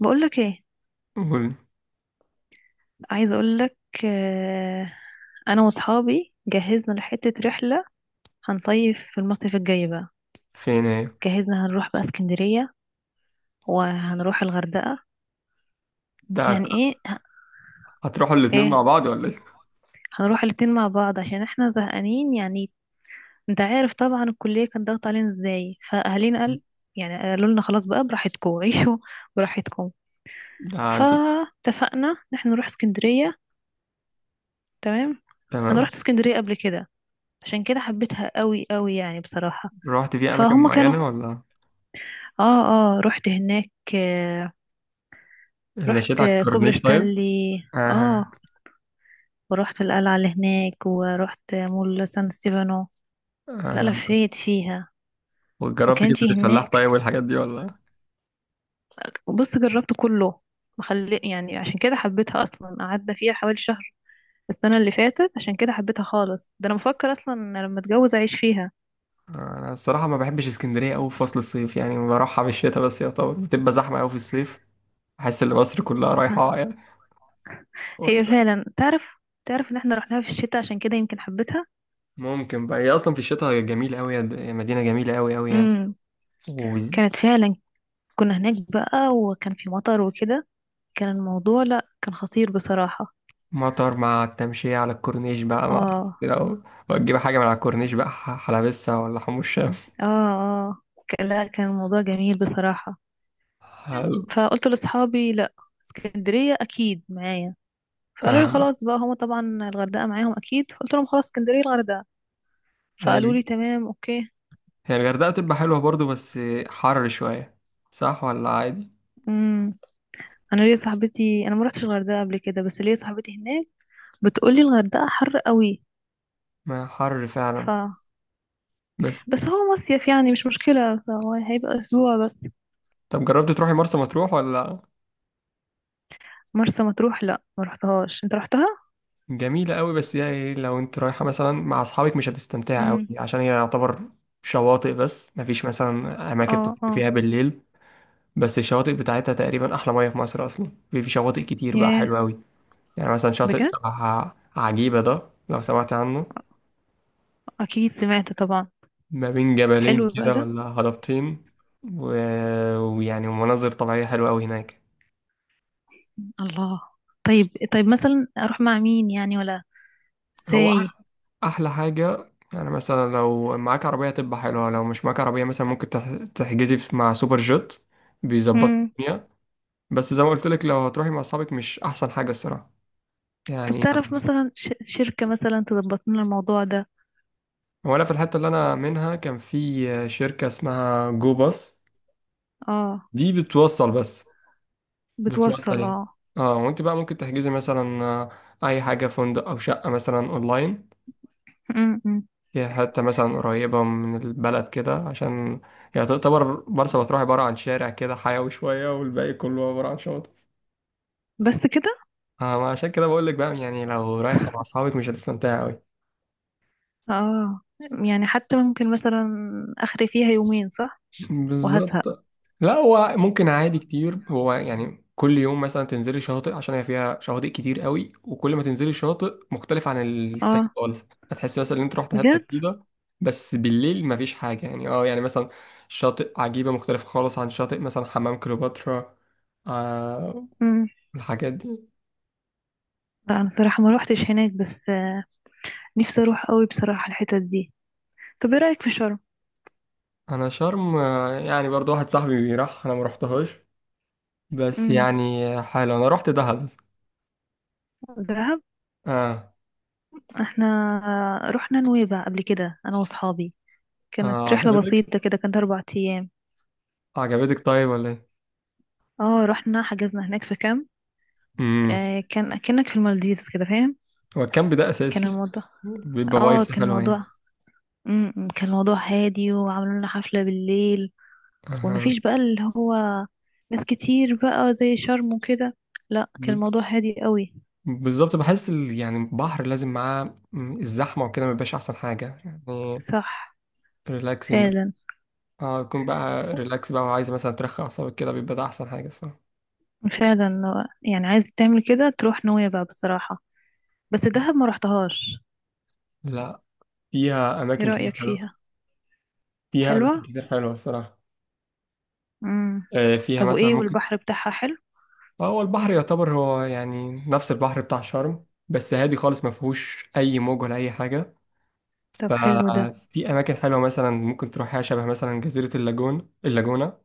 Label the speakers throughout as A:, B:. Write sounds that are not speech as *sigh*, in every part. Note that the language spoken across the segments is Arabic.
A: بقولك ايه؟
B: قول.
A: عايزه اقولك. آه، انا واصحابي جهزنا لحته رحله. هنصيف في المصيف الجاي بقى.
B: فين ايه؟
A: جهزنا هنروح بقى اسكندريه وهنروح الغردقه.
B: ده
A: يعني ايه؟
B: هتروحوا الاتنين مع
A: ايه،
B: بعض ولا ايه؟
A: هنروح الاتنين مع بعض عشان احنا زهقانين يعني. انت عارف طبعا الكليه كان ضغط علينا ازاي، فاهالينا قال
B: *laughs*
A: يعني قالوا لنا خلاص بقى براحتكم *laughs* عيشوا براحتكم.
B: ده انت.
A: فاتفقنا ان احنا نروح اسكندريه. تمام. انا
B: تمام.
A: رحت اسكندريه قبل كده، عشان كده حبيتها قوي قوي يعني بصراحه.
B: رحت في اماكن
A: فهم كانوا.
B: معينة ولا
A: اه، اه، رحت هناك.
B: مشيت
A: رحت
B: على
A: كوبري
B: الكورنيش طيب؟
A: ستانلي. اه،
B: اها.
A: ورحت القلعة اللي هناك، ورحت مول سان ستيفانو. لا،
B: اها،
A: لفيت فيها.
B: وجربت
A: وكان
B: كبدة
A: في
B: الفلاح
A: هناك.
B: طيب والحاجات دي ولا؟
A: وبص، جربت كله مخلي يعني، عشان كده حبيتها اصلا. قعدنا فيها حوالي شهر السنة اللي فاتت، عشان كده حبيتها خالص. ده انا بفكر اصلا إن لما اتجوز اعيش فيها.
B: انا الصراحة ما بحبش اسكندرية قوي في فصل الصيف، يعني بروحها في الشتاء بس، يا طبعا بتبقى زحمة قوي في الصيف. احس ان مصر كلها رايحة
A: *laughs*
B: يعني، ولا؟
A: هي فعلا تعرف. تعرف ان احنا رحناها في الشتاء، عشان كده يمكن حبيتها.
B: ممكن بقى، هي اصلا في الشتاء جميلة قوي. مدينة جميلة قوي قوي يعني.
A: امم
B: و-
A: كانت فعلا. كنا هناك بقى وكان في مطر وكده. كان الموضوع، لا، كان خطير بصراحة.
B: مطر مع التمشية على الكورنيش بقى، مع
A: اه،
B: لو وتجيب حاجة من على الكورنيش بقى حلبسة ولا حمص شام.
A: اه. لا، كان الموضوع جميل بصراحة.
B: حلو.
A: فقلت لأصحابي: لا، اسكندرية أكيد معايا. فقالوا لي
B: آه.
A: خلاص بقى، هما طبعا الغردقة معاهم أكيد، فقلت لهم خلاص، اسكندرية الغردقة. فقالوا لي تمام، أوكي.
B: هي الغردقة بتبقى حلوة برضو، بس حر شوية. صح ولا عادي؟
A: امم أنا ليا صاحبتي، أنا ما رحتش الغردقة قبل كده بس ليا صاحبتي هناك، بتقول لي الغردقة حر قوي.
B: ما حر
A: ف
B: فعلا. بس
A: بس هو مصيف يعني مش مشكلة، فهو هيبقى أسبوع بس.
B: طب جربت تروحي مرسى مطروح ولا؟
A: مرسى مطروح، لا ما رحتهاش، أنت رحتها؟
B: جميلة قوي، بس هي إيه، لو انت رايحة مثلا مع أصحابك مش هتستمتعي قوي،
A: امم
B: عشان هي يعتبر شواطئ بس، مفيش مثلا أماكن
A: اه،
B: تخرج
A: اه،
B: فيها بالليل. بس الشواطئ بتاعتها تقريبا أحلى مية في مصر، أصلا في شواطئ كتير بقى
A: ياه،
B: حلوة قوي. يعني مثلا شاطئ
A: بجد،
B: شبه عجيبة ده، لو سمعت عنه.
A: اكيد سمعت طبعا.
B: ما بين جبلين
A: حلو بقى
B: كده،
A: ده.
B: ولا هضبتين. و... ويعني مناظر طبيعية حلوة أوي هناك.
A: الله. طيب، طيب، مثلا اروح مع مين يعني، ولا
B: هو
A: ازاي؟
B: أح- أحلى حاجة، يعني مثلا لو معاك عربية تبقى حلوة، لو مش معاك عربية مثلا ممكن تحجزي مع سوبر جيت. بيظبط
A: امم
B: الدنيا. بس زي ما قلت لك، لو هتروحي مع أصحابك مش أحسن حاجة الصراحة
A: طب
B: يعني.
A: تعرف مثلا شركة مثلا تظبط لنا الموضوع ده؟
B: هو أنا في الحتة اللي أنا منها كان في شركة اسمها جو باص.
A: اه،
B: دي بتوصل بس.
A: بتوصل.
B: بتوصلي
A: اه.
B: اه. وانت بقى ممكن تحجزي مثلا اي حاجة، فندق او شقة مثلا اونلاين.
A: امم
B: هي حتى مثلا قريبة من البلد كده، عشان هي تعتبر مرسى مطروح عبارة عن شارع كده حيوي شوية، والباقي كله عبارة عن شاطئ.
A: بس كده.
B: آه، ما عشان كده بقول لك بقى، يعني لو رايحة مع اصحابك مش هتستمتعي قوي.
A: اه، يعني حتى ممكن مثلا اخري فيها يومين، صح؟ وهزهق.
B: بالظبط. لا هو ممكن عادي كتير، هو يعني كل يوم مثلا تنزلي شاطئ، عشان هي فيها شواطئ كتير قوي، وكل ما تنزلي شاطئ مختلف عن التاني
A: اه،
B: خالص. هتحسي مثلا ان انت رحت حته
A: بجد.
B: جديده. بس بالليل مفيش حاجه يعني. اه يعني مثلا شاطئ عجيبه مختلف خالص عن شاطئ مثلا حمام كليوباترا. آه،
A: امم
B: الحاجات دي.
A: لا، انا صراحة ما روحتش هناك بس. نفسي اروح قوي بصراحة الحتت دي. طب ايه رأيك في شرم؟
B: انا شرم يعني برضو واحد صاحبي راح، انا ما رحتهاش. بس
A: امم
B: يعني حلو، انا رحت دهب.
A: دهب.
B: اه.
A: احنا رحنا نويبع قبل كده انا واصحابي.
B: آه،
A: كانت رحلة
B: عجبتك؟
A: بسيطة كده، كانت 4 ايام.
B: عجبتك طيب ولا ايه؟
A: اه، رحنا حجزنا هناك في كامب.
B: امم
A: آه، كان كأنك في المالديفز كده، فاهم؟
B: هو الكامب ده
A: كان
B: اساسي،
A: الموضوع
B: بيبقى
A: اه
B: فايبس
A: كان
B: حلوه يعني.
A: موضوع كان موضوع هادي، وعملوا لنا حفلة بالليل.
B: اها.
A: ومفيش بقى اللي هو ناس كتير بقى زي شرم وكده. لا، كان
B: ب-
A: الموضوع هادي قوي.
B: بالظبط، بحس يعني البحر لازم معاه الزحمه وكده ما بيبقاش احسن حاجه يعني.
A: صح.
B: ريلاكسنج.
A: فعلا.
B: اه، يكون بقى ريلاكس بقى، وعايز مثلا ترخي اعصابك كده، بيبقى ده احسن حاجه الصراحه.
A: فعلا يعني، عايز تعمل كده تروح نويبع بصراحة. بس دهب ما رحتهاش.
B: لا، فيها
A: ايه
B: اماكن كتير
A: رأيك
B: حلوه.
A: فيها؟
B: فيها اماكن
A: حلوة.
B: كتير حلوه الصراحه.
A: امم
B: آه فيها
A: طب
B: مثلا
A: وايه،
B: ممكن.
A: والبحر بتاعها حلو؟
B: هو البحر يعتبر هو يعني نفس البحر بتاع شرم، بس هادي خالص، ما فيهوش اي موج ولا اي حاجه.
A: طب حلو ده.
B: ففي أماكن حلوة، مثلا ممكن تروحيها شبه مثلا جزيرة اللاجون، اللاجونة.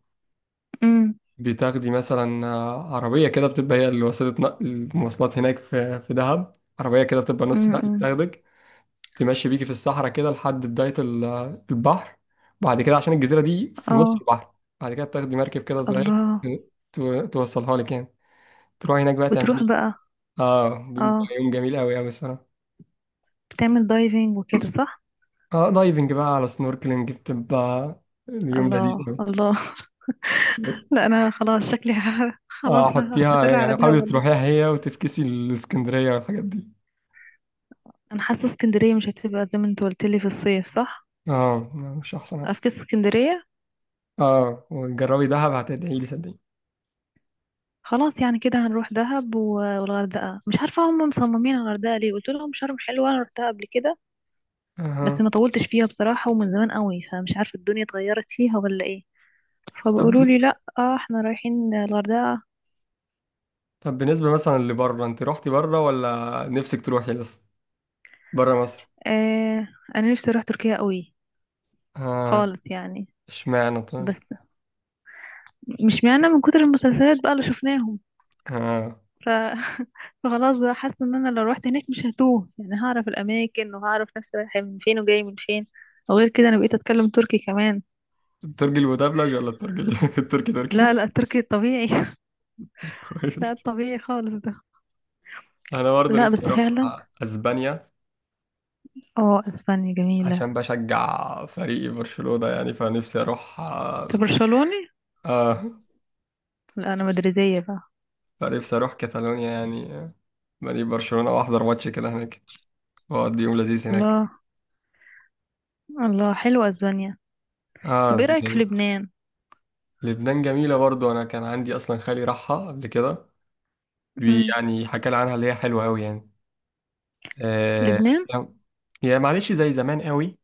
A: امم
B: بتاخدي مثلا عربية كده، بتبقى هي اللي وسيلة نقل المواصلات هناك في دهب. عربية كده بتبقى نص نقل
A: امم
B: بتاخدك، تمشي بيكي في الصحراء كده لحد بداية البحر، بعد كده عشان الجزيرة دي في نص
A: اه،
B: البحر. بعد كده بتاخدي مركب كده صغير،
A: الله.
B: توصلها لك يعني. تروحي هناك بقى
A: بتروح
B: تعملي.
A: بقى.
B: اه، بيبقى
A: اه،
B: يوم جميل قوي قوي الصراحة.
A: بتعمل دايفنج وكده، صح؟
B: اه دايفنج بقى على سنوركلينج، بتبقى اليوم لذيذ
A: الله،
B: قوي.
A: الله، *laughs* لا انا خلاص شكلي *laughs* خلاص
B: اه حطيها،
A: هستقر على
B: يعني
A: ده
B: حاولي
A: ولا.
B: تروحيها هي، وتفكسي الاسكندرية والحاجات دي.
A: انا حاسه اسكندريه مش هتبقى زي ما انت قلت لي في الصيف، صح؟
B: اه مش احسن حاجة.
A: افكس اسكندريه.
B: اه وجربي دهب هتدعي لي صدقيني.
A: خلاص يعني كده هنروح دهب و- والغردقه. مش عارفه هم مصممين على الغردقه ليه، قلت لهم شرم حلوه انا رحتها قبل كده، بس
B: اها.
A: ما طولتش فيها بصراحة ومن زمان قوي، فمش عارفة الدنيا اتغيرت فيها ولا ايه.
B: طب
A: فبيقولوا
B: بن-
A: لي: لا، آه، احنا رايحين الغردقة.
B: طب بالنسبة مثلا لبره، انت روحتي بره ولا نفسك تروحي لسه، بره مصر؟
A: آه، انا نفسي اروح تركيا قوي
B: اه.
A: خالص يعني.
B: اشمعنى طيب؟
A: بس مش معنى من كتر المسلسلات بقى اللي شفناهم،
B: اه.
A: ف... *laughs* فخلاص بقى حاسة ان انا لو روحت هناك مش هتوه يعني، هعرف الاماكن وهعرف نفسي رايحة من فين وجاي من فين. وغير كده انا بقيت اتكلم تركي كمان.
B: الترجي المدبلج ولا *laughs* التركي،
A: لا،
B: تركي؟
A: لا، التركي الطبيعي. *laughs*
B: *laughs*
A: لا
B: كويس.
A: الطبيعي خالص ده.
B: انا برضه
A: لا
B: نفسي
A: بس
B: اروح
A: فعلا.
B: اسبانيا،
A: اه، اسبانيا جميلة.
B: عشان بشجع فريقي برشلونة يعني، فنفسي اروح
A: انت
B: اه.
A: برشلوني؟
B: آه،
A: لا، انا مدريدية بقى.
B: فنفسي اروح كاتالونيا يعني، نادي برشلونة، واحضر ماتش كده هناك، واقضي يوم لذيذ هناك.
A: الله، الله، حلوة اسبانيا. طب
B: اه *laughs*
A: ايه رأيك في
B: جميل.
A: لبنان؟
B: لبنان جميلة برضو، انا كان عندي اصلا خالي راحها قبل كده.
A: مم.
B: يعني حكى لي عنها، اللي هي حلوة قوي يعني. آه
A: لبنان.
B: يعني معلش زي زمان قوي،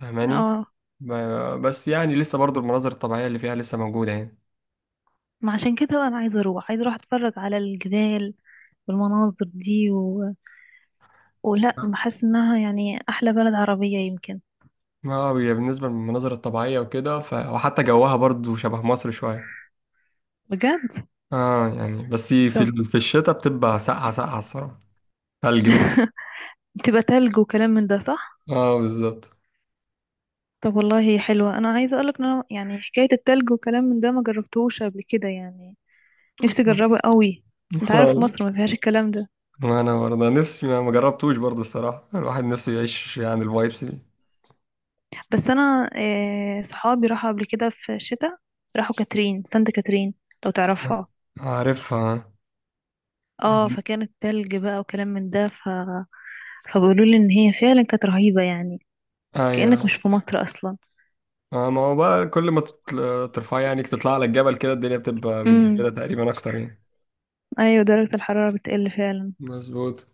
B: فاهماني؟
A: اه،
B: بس يعني لسه برضو المناظر الطبيعية اللي فيها لسه موجودة يعني.
A: ما عشان كده بقى انا عايزة اروح اتفرج على الجبال والمناظر دي، ولا
B: اه.
A: بحس انها يعني احلى بلد عربية يمكن.
B: آه، هي بالنسبة للمناظر الطبيعية وكده وحتى جوها برضو شبه مصر شوية.
A: بجد؟
B: اه يعني بس
A: طب
B: في الشتاء بتبقى ساقعة ساقعة الصراحة. ثلج بقى.
A: تبقى تلج وكلام من ده، صح؟
B: اه بالظبط.
A: طب والله هي حلوة. انا عايزة اقولك ان أنا يعني حكاية التلج وكلام من ده ما جربتهوش قبل كده يعني، نفسي اجربه قوي. انت عارف مصر ما
B: *laughs*
A: فيهاش الكلام ده.
B: ما انا برضه نفسي، ما جربتوش برضه الصراحه، الواحد نفسه يعيش يعني الفايبس دي.
A: بس انا آه، صحابي راحوا قبل كده في الشتاء، راحوا سانت كاترين، لو تعرفها.
B: عارفها.
A: اه، فكانت تلج بقى وكلام من ده، فبيقولوا لي ان هي فعلا كانت رهيبة يعني، كأنك
B: ايوه.
A: مش في مصر اصلا.
B: آه، ما هو بقى كل ما ترفع يعني تطلع على الجبل كده، الدنيا بتبقى
A: امم
B: متجمدة تقريبا اكتر يعني.
A: ايوه، درجة الحرارة بتقل فعلا.
B: مظبوط.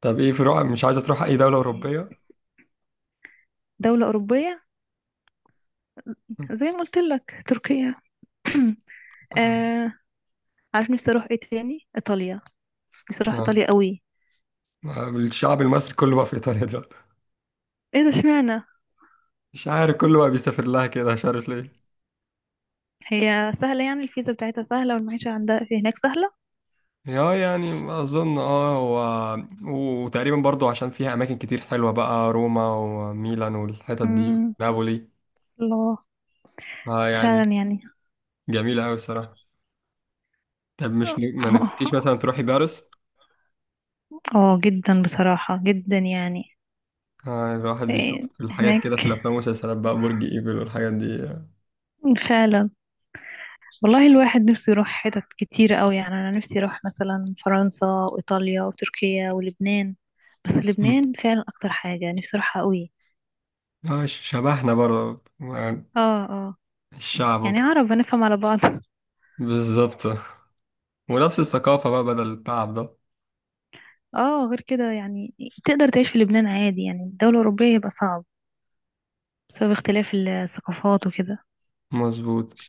B: طب ايه في روح، مش عايزه تروح اي دوله اوروبيه؟
A: دولة أوروبية، زي ما قلت لك تركيا. *clears throat* آه عارف نفسي اروح ايه تاني؟ ايطاليا. نفسي اروح
B: اه.
A: ايطاليا قوي.
B: آه، الشعب المصري كله بقى في ايطاليا دلوقتي.
A: ايه ده، اشمعنى؟
B: مش عارف، كله بقى بيسافر لها كده مش عارف ليه.
A: هي سهلة يعني، الفيزا بتاعتها سهلة والمعيشة عندها في هناك سهلة.
B: اه يعني اظن اه، هو وتقريبا برضو عشان فيها اماكن كتير حلوه بقى، روما وميلان والحتت دي،
A: امم
B: نابولي.
A: الله،
B: اه يعني
A: فعلا يعني.
B: جميله قوي الصراحه. طب مش ن- ما
A: *laughs*
B: نفسكيش مثلا تروحي باريس؟
A: اه جدا بصراحة، جدا يعني.
B: آه الواحد بيشوف
A: إيه،
B: الحاجات كده في
A: هناك.
B: الافلام والمسلسلات بقى، برج ايفل والحاجات دي.
A: فعلا. والله الواحد نفسه يروح حتت كتير قوي يعني، انا نفسي اروح مثلا فرنسا وايطاليا وتركيا ولبنان. بس
B: مم.
A: لبنان فعلا اكتر حاجة نفسي اروحها قوي.
B: اه شبهنا برضه يعني،
A: اه، اه،
B: الشعب
A: يعني
B: وكده.
A: عرب هنفهم على بعض. *laughs*
B: بالظبط. ونفس الثقافه بقى بدل التعب ده.
A: اه، غير كده يعني تقدر تعيش في لبنان عادي. يعني الدولة الأوروبية يبقى صعب، بسبب اختلاف الثقافات وكده.
B: مظبوط.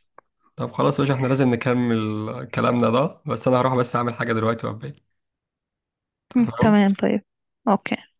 B: طب خلاص يا باشا احنا لازم نكمل كلامنا ده، بس انا هروح بس اعمل حاجه دلوقتي وابقى إيه.
A: هم،
B: تمام.
A: تمام طيب. اوكي.